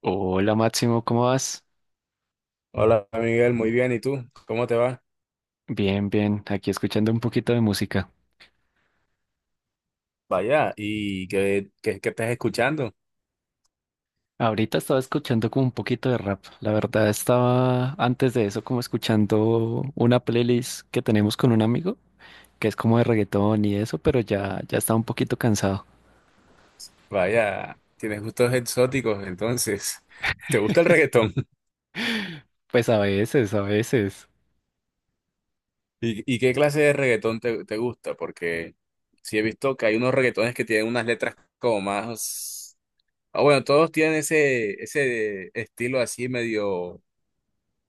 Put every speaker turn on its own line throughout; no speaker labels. Hola Máximo, ¿cómo vas?
Hola Miguel, muy bien. ¿Y tú? ¿Cómo te va?
Bien, bien, aquí escuchando un poquito de música.
Vaya, ¿y qué estás escuchando?
Ahorita estaba escuchando como un poquito de rap. La verdad estaba antes de eso como escuchando una playlist que tenemos con un amigo, que es como de reggaetón y eso, pero ya estaba un poquito cansado.
Vaya, tienes gustos exóticos, entonces. ¿Te gusta el reggaetón?
Pues a veces, a veces.
¿Y qué clase de reggaetón te gusta? Porque sí he visto que hay unos reggaetones que tienen unas letras como más... Ah, bueno, todos tienen ese estilo así medio,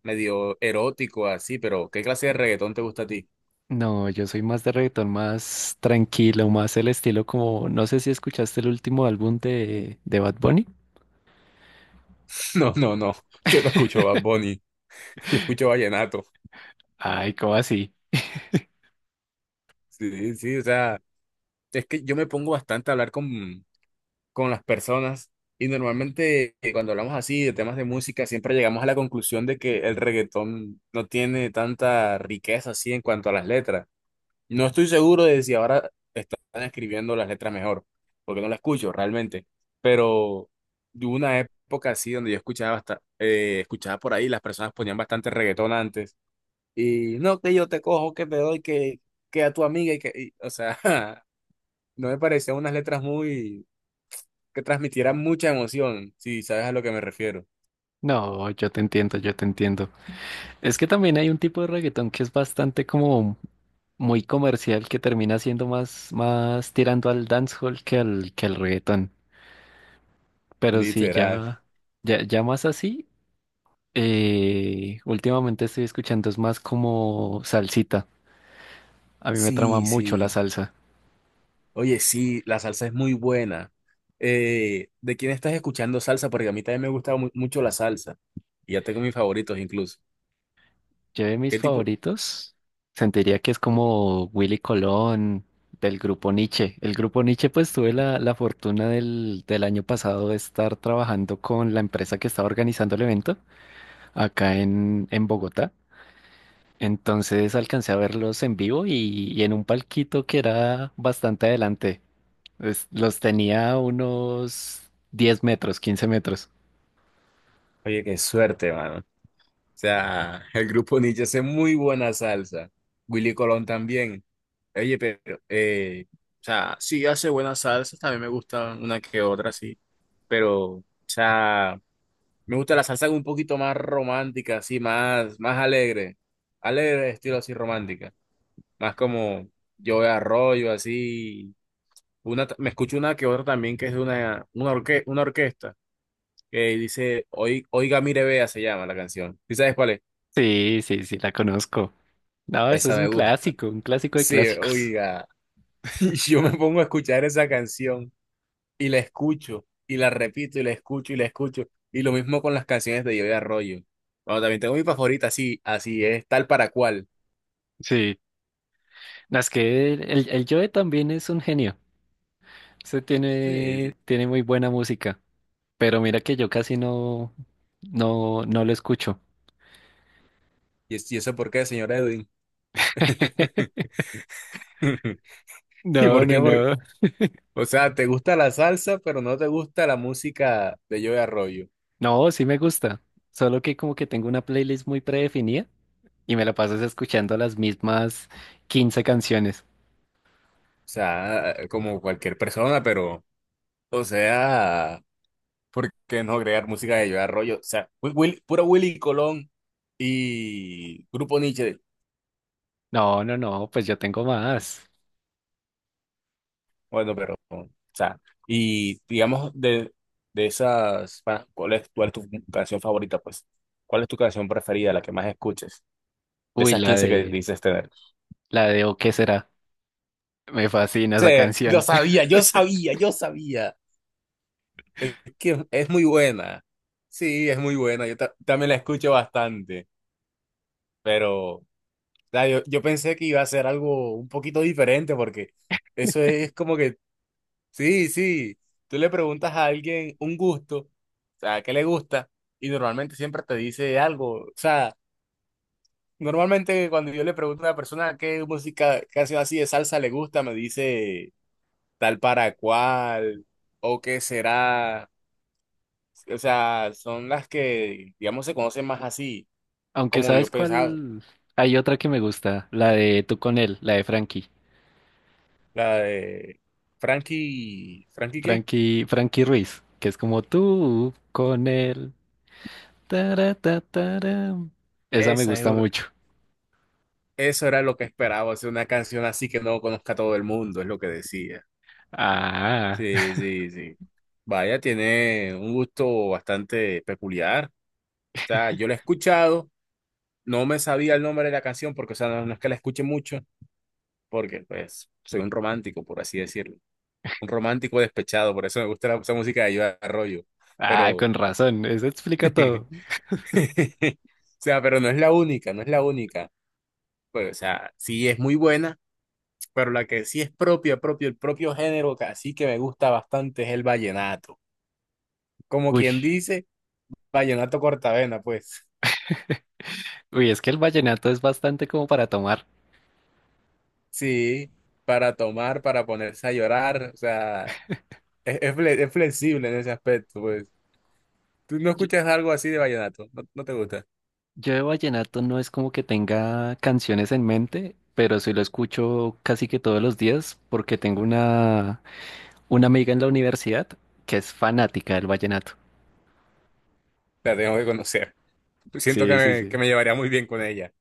medio erótico, así, pero ¿qué clase de reggaetón te gusta a ti?
No, yo soy más de reggaetón, más tranquilo, más el estilo como, no sé si escuchaste el último álbum de Bad Bunny.
No, no, no. Yo no escucho Bad Bunny, yo escucho vallenato.
Ay, ¿cómo así?
Sí, sí, o sea... Es que yo me pongo bastante a hablar con las personas y normalmente cuando hablamos así de temas de música siempre llegamos a la conclusión de que el reggaetón no tiene tanta riqueza así en cuanto a las letras. No estoy seguro de si ahora están escribiendo las letras mejor, porque no las escucho realmente, pero hubo una época así donde yo escuchaba, escuchaba por ahí, las personas ponían bastante reggaetón antes y no, que yo te cojo, que te doy, que a tu amiga y que, y, o sea... no me parecían unas letras muy que transmitieran mucha emoción, si sabes a lo que me refiero.
No, yo te entiendo, yo te entiendo. Es que también hay un tipo de reggaetón que es bastante como muy comercial que termina siendo más, más tirando al dancehall que al reggaetón. Pero si
Literal.
ya, ya, ya más así, últimamente estoy escuchando es más como salsita. A mí me trama
Sí,
mucho la
sí.
salsa.
Oye, sí, la salsa es muy buena. ¿De quién estás escuchando salsa? Porque a mí también me gusta mucho la salsa. Y ya tengo mis favoritos incluso.
Yo de mis
¿Qué tipo?
favoritos sentiría que es como Willy Colón del grupo Nietzsche. El grupo Nietzsche pues tuve la fortuna del año pasado de estar trabajando con la empresa que estaba organizando el evento acá en Bogotá. Entonces alcancé a verlos en vivo y en un palquito que era bastante adelante. Los tenía a unos 10 metros, 15 metros.
Oye, qué suerte, mano. O sea, el grupo Nietzsche hace muy buena salsa. Willy Colón también. Oye, pero, o sea, sí hace buenas salsas, también me gustan una que otra, sí. Pero, o sea, me gusta la salsa un poquito más romántica, así, más, más alegre. Alegre, estilo así romántica. Más como yo de arroyo, así. Me escucho una que otra también que es de una orquesta que dice, Oiga, mire, vea", se llama la canción. ¿Y sabes cuál es?
Sí, sí, sí, la conozco. No, eso
Esa
es
me gusta.
un clásico de
Sí,
clásicos.
oiga. Y yo me pongo a escuchar esa canción y la escucho y la repito y la escucho y la escucho. Y lo mismo con las canciones de yo de arroyo. Bueno, también tengo mi favorita, así, así es tal para cual.
Sí, no, es que Joe también es un genio.
Sí, sí.
Tiene muy buena música. Pero mira que yo casi no lo escucho.
Y eso por qué, señor Edwin? ¿Y
No,
por qué?
no, no.
O sea, te gusta la salsa, pero no te gusta la música de Joe Arroyo. O
No, sí me gusta. Solo que como que tengo una playlist muy predefinida y me la pasas escuchando las mismas 15 canciones.
sea, como cualquier persona, pero, o sea, ¿por qué no crear música de Joe Arroyo? O sea, puro Willy Colón y Grupo Nietzsche.
No, no, no, pues yo tengo más.
Bueno, pero, o sea, y digamos de, esas, ¿cuál es tu canción favorita, pues? ¿Cuál es tu canción preferida, la que más escuches? De
Uy,
esas 15 que dices tener.
la de O qué será. Me fascina
Sí,
esa
lo
canción.
sabía, yo sabía, yo sabía. Es que es muy buena. Sí, es muy buena. Yo también la escucho bastante, pero o sea, yo pensé que iba a ser algo un poquito diferente porque eso es como que, sí, sí, tú le preguntas a alguien un gusto, o sea, ¿qué le gusta? Y normalmente siempre te dice algo. O sea, normalmente cuando yo le pregunto a una persona qué música, canción así de salsa le gusta, me dice... tal para cual, o qué será. O sea, son las que, digamos, se conocen más así,
Aunque
como yo
sabes
pensaba,
cuál, hay otra que me gusta, la de tú con él, la de
la de Frankie, ¿Frankie qué?
Frankie Ruiz, que es como tú con él. Tara, ta, tara. Esa me
Esa es
gusta
una-
mucho.
eso era lo que esperaba, hacer una canción así que no conozca a todo el mundo, es lo que decía.
Ah,
Sí, sí, sí. Vaya, tiene un gusto bastante peculiar. O sea, yo la he escuchado, no me sabía el nombre de la canción porque, o sea, no, no es que la escuche mucho, porque, pues, soy un romántico, por así decirlo. Un romántico despechado, por eso me gusta esa música de Joe Arroyo.
ah,
Pero,
con razón, eso explica todo.
o sea, pero no es la única, no es la única. Pues, o sea, sí es muy buena, pero la que sí es propia, propio, el propio género que así que me gusta bastante es el vallenato. Como
Uy,
quien dice, vallenato cortavena, pues.
uy, es que el vallenato es bastante como para tomar.
Sí, para tomar, para ponerse a llorar, o sea, es flexible en ese aspecto, pues. ¿Tú no
Yo,
escuchas algo así de vallenato? ¿No, no te gusta?
yo de vallenato no es como que tenga canciones en mente, pero sí lo escucho casi que todos los días porque tengo una amiga en la universidad que es fanática del vallenato.
La tengo que conocer. Siento que
Sí, sí,
que
sí.
me llevaría muy bien con ella.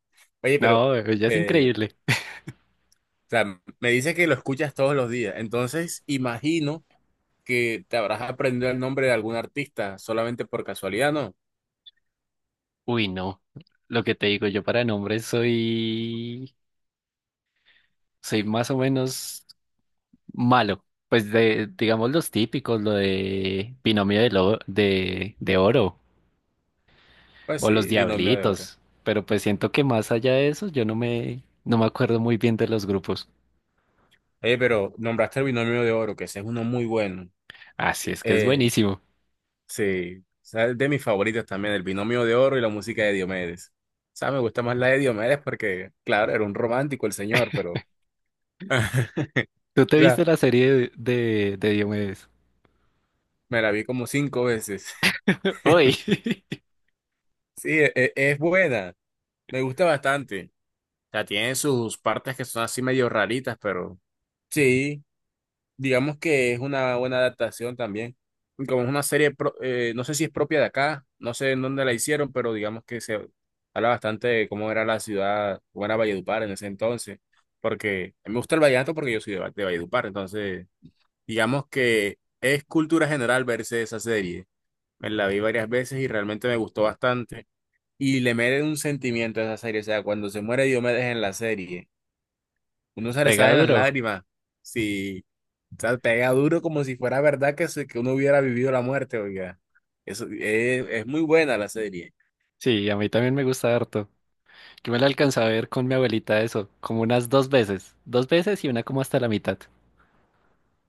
Oye, pero,
No, ella es
eh,
increíble.
o sea, me dice que lo escuchas todos los días. Entonces, imagino que te habrás aprendido el nombre de algún artista solamente por casualidad, ¿no?
Uy, no. Lo que te digo, yo para nombres soy, soy más o menos malo. Pues de, digamos los típicos, lo de binomio de, lo- de oro
Pues
o
sí,
los
Binomio de Oro.
diablitos. Pero pues siento que más allá de eso, yo no me, no me acuerdo muy bien de los grupos.
Oye, pero nombraste el Binomio de Oro, que ese es uno muy bueno.
Así es que es
Eh,
buenísimo.
sí, o sea, es de mis favoritas también, el Binomio de Oro y la música de Diomedes. O sea, me gusta más la de Diomedes porque, claro, era un romántico el señor, pero...
¿Tú te
O sea,
viste la serie de Diomedes?
me la vi como 5 veces.
Uy,
Sí, es, buena. Me gusta bastante. O sea, tiene sus partes que son así medio raritas, pero sí, digamos que es una buena adaptación también. Y como es una serie, no sé si es propia de acá, no sé en dónde la hicieron, pero digamos que se habla bastante de cómo era la ciudad, cómo era Valledupar en ese entonces. Porque a mí me gusta el vallenato porque yo soy de, de Valledupar, entonces digamos que es cultura general verse esa serie. Me la vi varias veces y realmente me gustó bastante. Y le merece un sentimiento a esa serie. O sea, cuando se muere Diomedes en la serie, uno se le
pega
salen las
duro.
lágrimas. Sí, o sea, pega duro como si fuera verdad que, que uno hubiera vivido la muerte, oiga. Eso es muy buena la serie.
Sí, a mí también me gusta harto. Yo me la alcancé a ver con mi abuelita eso, como unas 2 veces. Dos veces y una como hasta la mitad.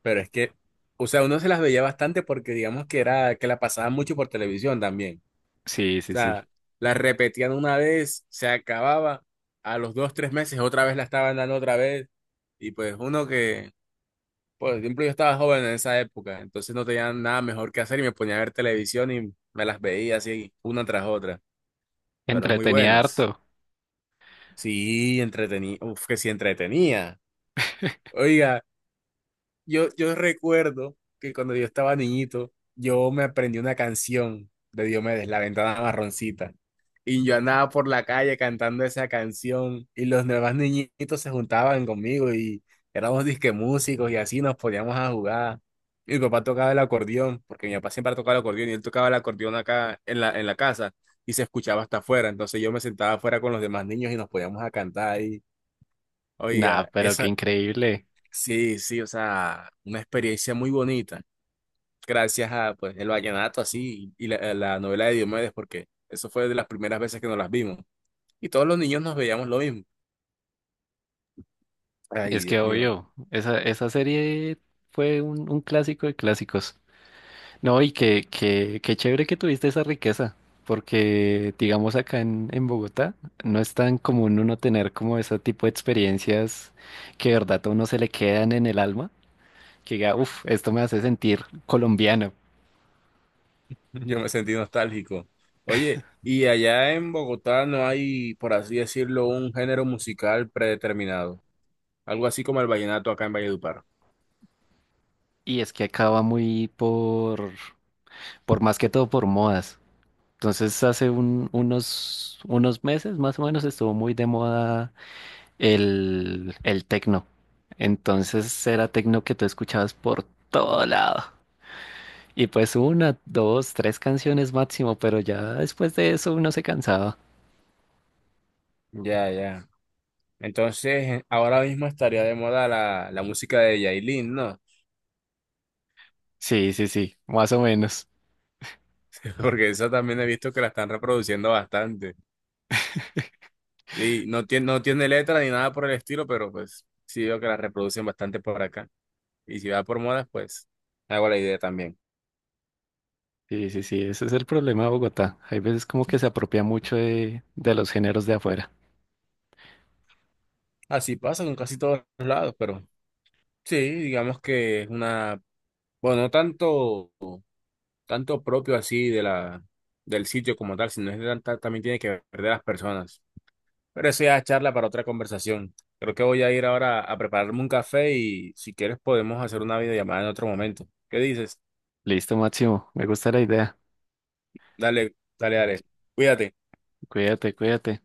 Pero es que, o sea, uno se las veía bastante porque digamos que era, que la pasaban mucho por televisión también.
Sí,
O
sí, sí.
sea, la repetían una vez, se acababa, a los dos, tres meses otra vez la estaban dando otra vez. Y pues uno que por ejemplo, yo estaba joven en esa época, entonces no tenía nada mejor que hacer y me ponía a ver televisión y me las veía así una tras otra, pero muy
Entretenía
buenas.
harto.
Sí, entretenía, uf, que sí entretenía. Oiga, yo recuerdo que cuando yo estaba niñito, yo me aprendí una canción de Diomedes, La Ventana Marroncita. Y yo andaba por la calle cantando esa canción y los demás niñitos se juntaban conmigo y éramos disque músicos y así nos poníamos a jugar. Mi papá tocaba el acordeón, porque mi papá siempre tocaba el acordeón y él tocaba el acordeón acá en en la casa y se escuchaba hasta afuera. Entonces yo me sentaba afuera con los demás niños y nos poníamos a cantar ahí.
Nah,
Oiga,
pero qué
eso,
increíble.
sí, sí, o sea, una experiencia muy bonita, gracias a pues el vallenato así y la novela de Diomedes, porque eso fue de las primeras veces que nos las vimos. Y todos los niños nos veíamos lo mismo. Ay,
Es que
Dios mío,
obvio, esa serie fue un clásico de clásicos. No, y qué, qué, qué chévere que tuviste esa riqueza, porque digamos acá en Bogotá no es tan común uno tener como ese tipo de experiencias que de verdad a uno se le quedan en el alma. Que diga, uff, esto me hace sentir colombiano.
yo me sentí nostálgico. Oye, ¿y allá en Bogotá no hay, por así decirlo, un género musical predeterminado? Algo así como el vallenato acá en Valledupar.
Y es que acaba muy por más que todo por modas. Entonces hace unos meses más o menos estuvo muy de moda el tecno. Entonces era tecno que tú escuchabas por todo lado. Y pues una, dos, tres canciones máximo, pero ya después de eso uno se cansaba.
Ya, ya. Entonces, ahora mismo estaría de moda la música de Yailin, ¿no?
Sí, sí, sí, más o menos.
Porque esa también he visto que la están reproduciendo bastante. Y no tiene, no tiene letra ni nada por el estilo, pero pues sí veo que la reproducen bastante por acá. Y si va por modas, pues hago la idea también.
Sí, sí, sí, ese es el problema de Bogotá. Hay veces como que se apropia mucho de los géneros de afuera.
Así pasa con casi todos lados, pero sí, digamos que es una, bueno, no tanto, tanto propio así de la, del sitio como tal, sino es de tanta- también tiene que ver de las personas. Pero eso ya es charla para otra conversación. Creo que voy a ir ahora a prepararme un café y si quieres podemos hacer una videollamada en otro momento. ¿Qué dices?
Listo, Máximo, me gusta la idea.
Dale, dale, dale. Cuídate.
Cuídate, cuídate.